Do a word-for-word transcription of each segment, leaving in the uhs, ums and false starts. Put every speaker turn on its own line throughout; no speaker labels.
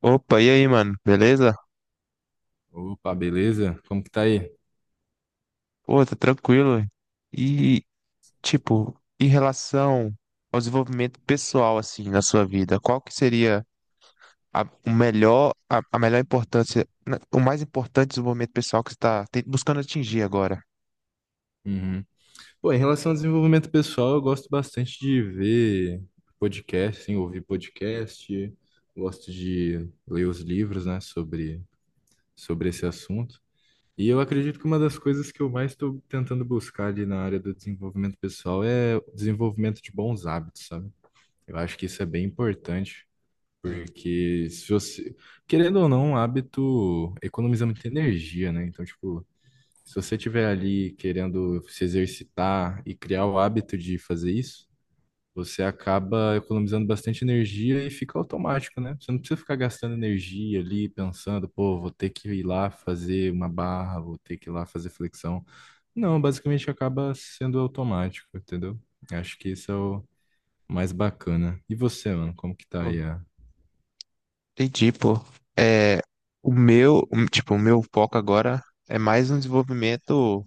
Opa, e aí, mano? Beleza?
Opa, beleza? Como que tá aí?
Pô, tá tranquilo. E, tipo, Em relação ao desenvolvimento pessoal, assim, na sua vida, qual que seria a, o melhor, a, a melhor importância, na- o mais importante desenvolvimento pessoal que você tá te- buscando atingir agora?
Uhum. Pô, em relação ao desenvolvimento pessoal, eu gosto bastante de ver podcast, assim, ouvir podcast, gosto de ler os livros, né, sobre, sobre esse assunto. E eu acredito que uma das coisas que eu mais estou tentando buscar ali na área do desenvolvimento pessoal é o desenvolvimento de bons hábitos, sabe? Eu acho que isso é bem importante,
Sim.
porque se você, querendo ou não, um hábito economiza muita energia, né? Então, tipo, se você estiver ali querendo se exercitar e criar o hábito de fazer isso, você acaba economizando bastante energia e fica automático, né? Você não precisa ficar gastando energia ali pensando, pô, vou ter que ir lá fazer uma barra, vou ter que ir lá fazer flexão. Não, basicamente acaba sendo automático, entendeu? Acho que isso é o mais bacana. E você, mano, como que tá
Pô,
aí a
entendi, pô. É, o meu, o- tipo, o meu foco agora é mais um desenvolvimento,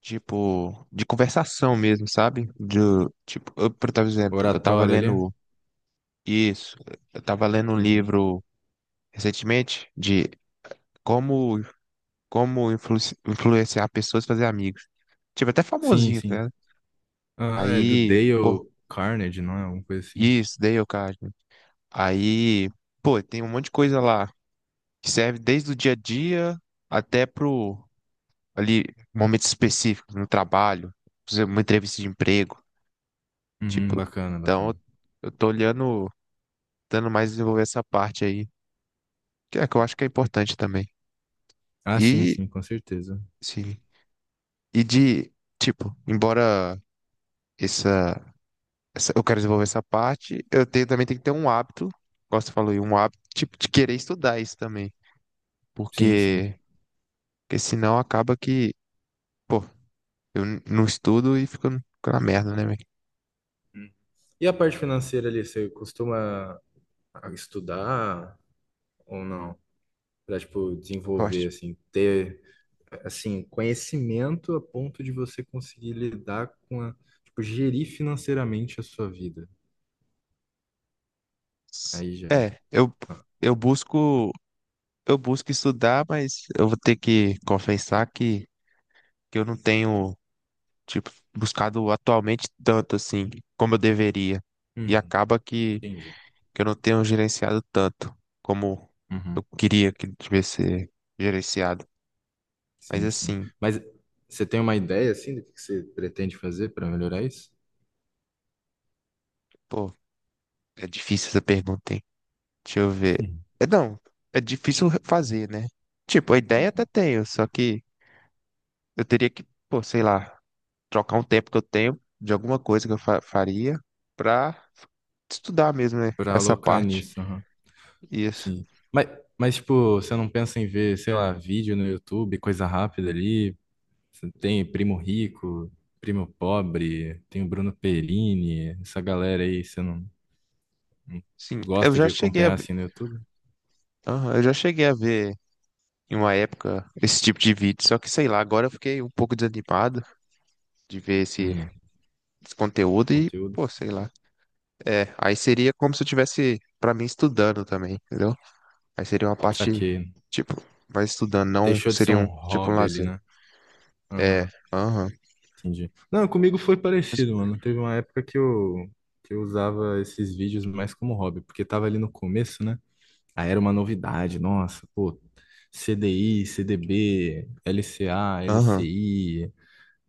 tipo, de conversação mesmo, sabe? De, tipo, eu, por exemplo, eu tava
oratória ali?
lendo. Isso. Eu estava lendo um
Uhum.
livro recentemente de como, como influenci- influenciar pessoas a fazer amigos. Tive até
Sim,
famosinho, tá?
sim.
Ligado?
Ah, é do
Aí, pô,
Dale Carnegie, não é? Alguma coisa assim.
isso, Dale Carnegie. Aí, pô, tem um monte de coisa lá que serve desde o dia a dia até pro ali momentos específicos no trabalho, por exemplo, uma entrevista de emprego,
Uhum,
tipo.
bacana,
Então,
bacana.
eu eu tô olhando, dando mais desenvolver essa parte aí, que é que eu acho que é importante também.
Ah, sim,
E
sim, com certeza.
sim. E de, tipo, embora essa, essa- Eu quero desenvolver essa parte, eu tenho, também tenho que ter um hábito, como você falou, aí, um hábito, tipo, de querer estudar isso também.
Sim, sim.
Porque, porque senão acaba que, pô, eu n- não estudo e fico, fico na merda, né, velho?
Hum. E a parte financeira ali, você costuma estudar ou não? Pra, tipo,
Eu
desenvolver,
acho.
assim, ter, assim, conhecimento a ponto de você conseguir lidar com a, tipo, gerir financeiramente a sua vida. Aí já é.
É, eu,
Ah,
eu busco, eu busco estudar, mas eu vou ter que confessar que, que eu não tenho, tipo, buscado atualmente tanto assim como eu deveria. E
uhum,
acaba que
entendi.
que eu não tenho gerenciado tanto como
Uhum,
eu queria que tivesse ser gerenciado. Mas
sim, sim.
assim,
Mas você tem uma ideia, assim, do que você pretende fazer para melhorar isso?
pô, é difícil essa pergunta, hein? Deixa eu ver.
Sim.
É, não, é difícil fazer, né? Tipo, a ideia até tenho, só que eu teria que, pô, sei lá, trocar um tempo que eu tenho de alguma coisa que eu fa- faria pra estudar mesmo, né?
Para
Essa
alocar
parte.
nisso.
Isso.
Sim. Mas, mas, tipo, você não pensa em ver, sei lá, vídeo no YouTube, coisa rápida ali? Você tem Primo Rico, Primo Pobre, tem o Bruno Perini, essa galera aí, você não, não
Sim, eu
gosta
já
de
cheguei a
acompanhar
ver.
assim no YouTube?
Aham, eu já cheguei a ver em uma época esse tipo de vídeo, só que sei lá, agora eu fiquei um pouco desanimado de ver esse,
Hum,
esse conteúdo e,
conteúdo.
pô, sei lá. É, aí seria como se eu tivesse, pra mim, estudando também, entendeu? Aí seria uma parte,
Saquei.
tipo, vai estudando, não
Deixou de ser
seria
um
um, tipo, um
hobby ali,
lazer.
né? Aham,
É, aham,
entendi. Não, comigo foi parecido, mano. Teve uma época que eu, que eu usava esses vídeos mais como hobby, porque tava ali no começo, né? Aí era uma novidade, nossa, pô, CDI, CDB, LCA,
aham,
LCI,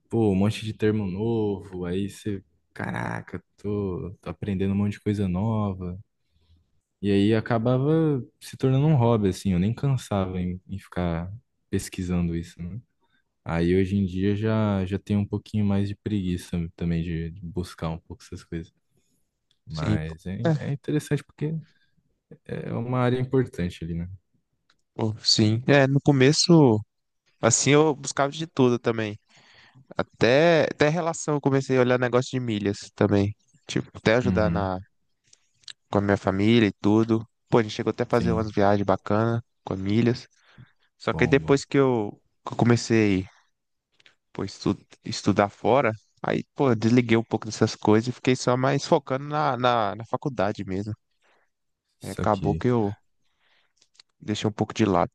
pô, um monte de termo novo, aí você, caraca, tô, tô aprendendo um monte de coisa nova. E aí acabava se tornando um hobby, assim, eu nem cansava em, em ficar pesquisando isso, né? Aí hoje em dia já, já tenho um pouquinho mais de preguiça também de, de buscar um pouco essas coisas.
sim.
Mas é,
É,
é interessante porque é uma área importante ali, né?
pô, sim. É, no começo, assim, eu buscava de tudo também. Até, até relação, eu comecei a olhar negócio de milhas também. Tipo, até ajudar
Uhum,
na, com a minha família e tudo. Pô, a gente chegou até a fazer
sim.
umas viagens bacanas com a milhas. Só que aí
Bom, bom.
depois que eu, que eu comecei, pô, estu- estudar fora, aí, pô, eu desliguei um pouco dessas coisas e fiquei só mais focando na, na, na faculdade mesmo. Aí
Isso
acabou
aqui.
que eu deixei um pouco de lado.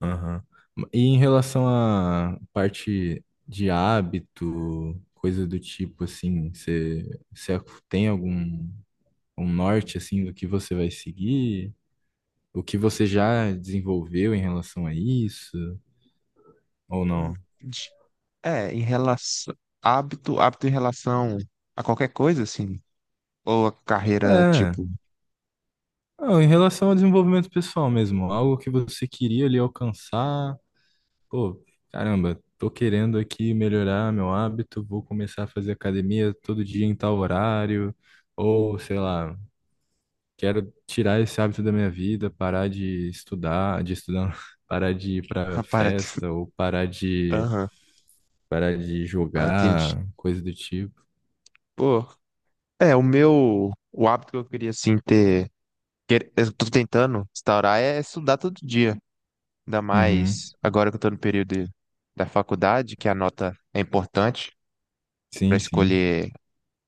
Aham. E em relação à parte de hábito, coisa do tipo, assim, você, você tem algum um norte, assim, do que você vai seguir? O que você já desenvolveu em relação a isso? Ou
Hum,
não?
de- É, em relação, hábito, hábito em relação a qualquer coisa, assim, ou a carreira,
É.
tipo,
Ah, em relação ao desenvolvimento pessoal mesmo, algo que você queria ali alcançar. Pô, caramba, tô querendo aqui melhorar meu hábito, vou começar a fazer academia todo dia em tal horário, ou sei lá, quero tirar esse hábito da minha vida, parar de estudar, de estudar, não, parar de ir pra
para que...
festa, ou parar de
Aham,
parar de
ah, entendi.
jogar, coisa do tipo.
Pô, é, o meu, o hábito que eu queria, assim, ter, que eu tô tentando instaurar é estudar todo dia. Ainda
Uhum.
mais agora que eu tô no período de- da faculdade, que a nota é importante para
Sim, sim.
escolher,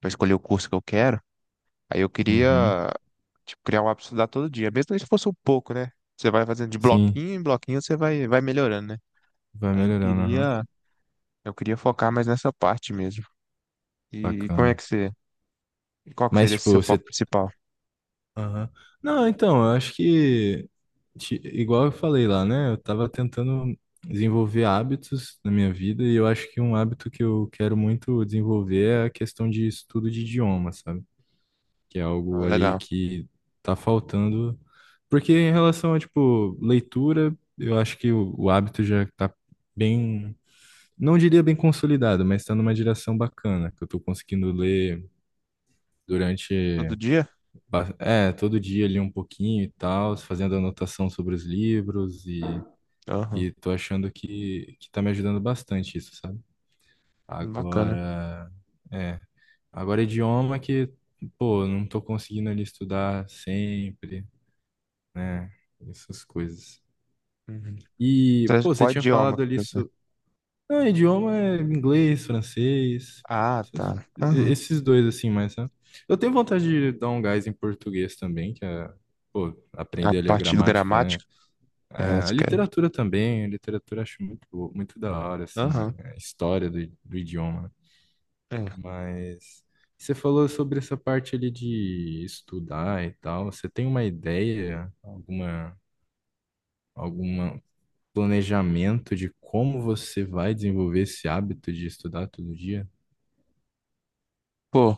para escolher o curso que eu quero. Aí eu
Uhum.
queria, tipo, criar um hábito de estudar todo dia, mesmo se fosse um pouco, né? Você vai fazendo de
Sim,
bloquinho em bloquinho, você vai, vai melhorando, né?
vai
Aí eu
melhorando, aham.
queria, eu queria focar mais nessa parte mesmo. E, como é
Bacana.
que você, e qual que
Mas,
seria esse
tipo,
seu
você...
foco principal?
Aham. Não, então, eu acho que, ti- igual eu falei lá, né? Eu tava tentando desenvolver hábitos na minha vida e eu acho que um hábito que eu quero muito desenvolver é a questão de estudo de idioma, sabe? Que é algo
Ah,
ali
legal.
que tá faltando. Porque em relação a, tipo, leitura, eu acho que o, o hábito já tá bem, não diria bem consolidado, mas tá numa direção bacana, que eu tô conseguindo ler durante...
Todo dia?
Ba- É, todo dia ali um pouquinho e tal, fazendo anotação sobre os livros e,
Aham.
e tô achando que, que tá me ajudando bastante isso, sabe?
Bacana.
Agora, é, agora idioma que, pô, não tô conseguindo ali estudar sempre, né? Essas coisas.
Uhum.
E,
Tra-
pô, você
Qual
tinha
idioma
falado
que
ali
você...
so-. Não, idioma é inglês, francês,
Ah,
esses
tá. Aham.
esses dois assim, mas né? Eu tenho vontade de dar um gás em português também, que é, pô,
A
aprender ali a
parte do
gramática, né?
gramática? É,
Ah, a literatura também, a literatura eu acho muito, bo- muito da hora, assim, né?
aham.
A história do, do idioma.
É.
Mas você falou sobre essa parte ali de estudar e tal, você tem uma ideia, alguma, alguma planejamento de como você vai desenvolver esse hábito de estudar todo dia?
Pô,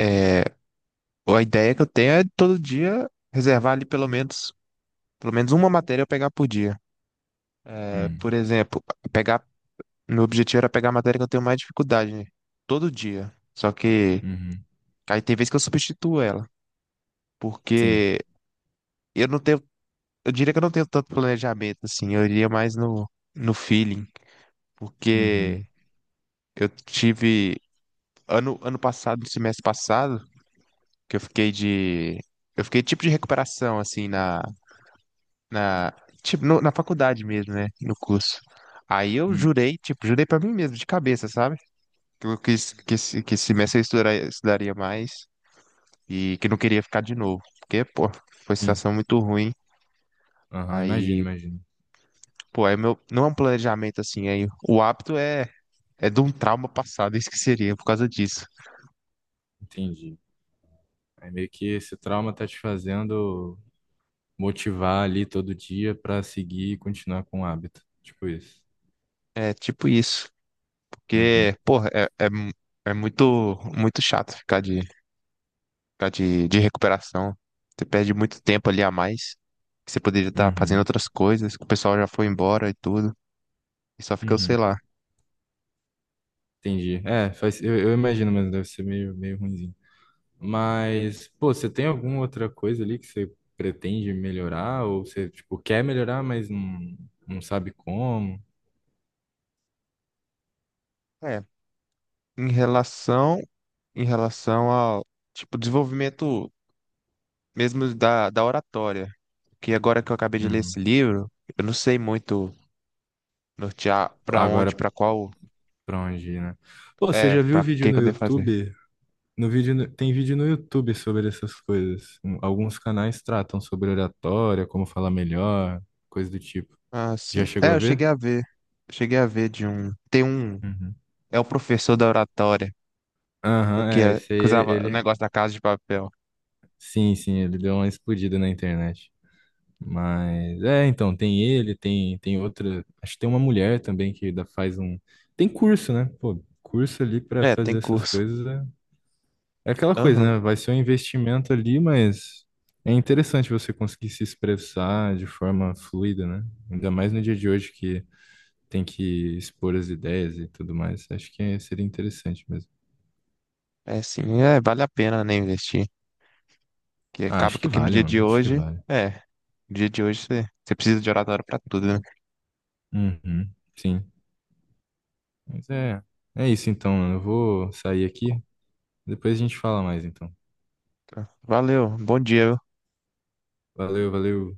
é, a ideia que eu tenho é todo dia reservar ali pelo menos, pelo menos uma matéria eu pegar por dia. É,
Hum,
por exemplo, pegar, meu objetivo era pegar a matéria que eu tenho mais dificuldade, né? Todo dia. Só que
uhum,
aí tem vezes que eu substituo ela,
sim,
porque eu não tenho, eu diria que eu não tenho tanto planejamento assim, eu iria mais no, no feeling,
uhum,
porque eu tive ano, ano passado, no semestre passado, que eu fiquei de, eu fiquei tipo de recuperação assim na na, tipo, no- na faculdade mesmo, né? No curso. Aí eu
hum,
jurei, tipo, jurei pra mim mesmo, de cabeça, sabe? Que eu quis, que esse, que esse semestre eu estudaria, estudaria mais e que não queria ficar de novo. Porque, pô, foi
sim,
situação muito ruim.
aham, imagino,
Aí,
imagino,
pô, aí meu, não é um planejamento assim, aí o hábito é, é de um trauma passado, isso que seria, por causa disso.
entendi. Aí meio que esse trauma tá te fazendo motivar ali todo dia pra seguir e continuar com o hábito, tipo isso.
É tipo isso.
Uhum,
Porque, pô, é, é, mu- é muito, muito chato ficar de tá de, de recuperação. Você perde muito tempo ali a mais, que você poderia estar fazendo
uhum,
outras coisas, que o pessoal já foi embora e tudo, e só fica, o sei
uhum,
lá.
entendi. É, faz, eu, eu imagino, mas deve ser meio, meio ruinzinho. Mas, pô, você tem alguma outra coisa ali que você pretende melhorar ou você, tipo, quer melhorar, mas não, não sabe como?
É, em relação, em relação ao, tipo, desenvolvimento mesmo da, da oratória, que agora que eu acabei de ler
Uhum.
esse livro, eu não sei muito nortear pra
Agora,
onde, pra qual,
pra onde ir, né? Pô, você
é,
já viu
pra
vídeo
que
no
que eu devo fazer.
YouTube? No vídeo no- Tem vídeo no YouTube sobre essas coisas. Um- Alguns canais tratam sobre oratória, como falar melhor, coisa do tipo.
Ah, sim.
Já chegou
É,
a
eu cheguei
ver?
a ver, eu cheguei a ver de um, tem um,
Uhum.
é o professor da oratória, o
Aham,
que,
é,
é,
esse aí,
que usava o
ele...
negócio da casa de papel.
Sim, sim, ele deu uma explodida na internet. Mas, é, então, tem ele, tem, tem outra... Acho que tem uma mulher também que dá- faz um... Tem curso, né? Pô, curso ali pra
É, tem
fazer essas
curso.
coisas é... É aquela coisa,
Aham.
né? Vai ser um investimento ali, mas é interessante você conseguir se expressar de forma fluida, né? Ainda mais no dia de hoje que tem que expor as ideias e tudo mais. Acho que seria interessante mesmo.
É sim, é, vale a pena, né, investir. Que
Ah,
acaba
acho
que
que
aqui no
vale,
dia de
mano. Acho que
hoje,
vale.
é, no dia de hoje você, você precisa de oratório pra tudo, né?
Uhum, sim. Mas é, é isso então, mano. Eu vou sair aqui. Depois a gente fala mais então.
Então, valeu, bom dia.
Valeu, valeu.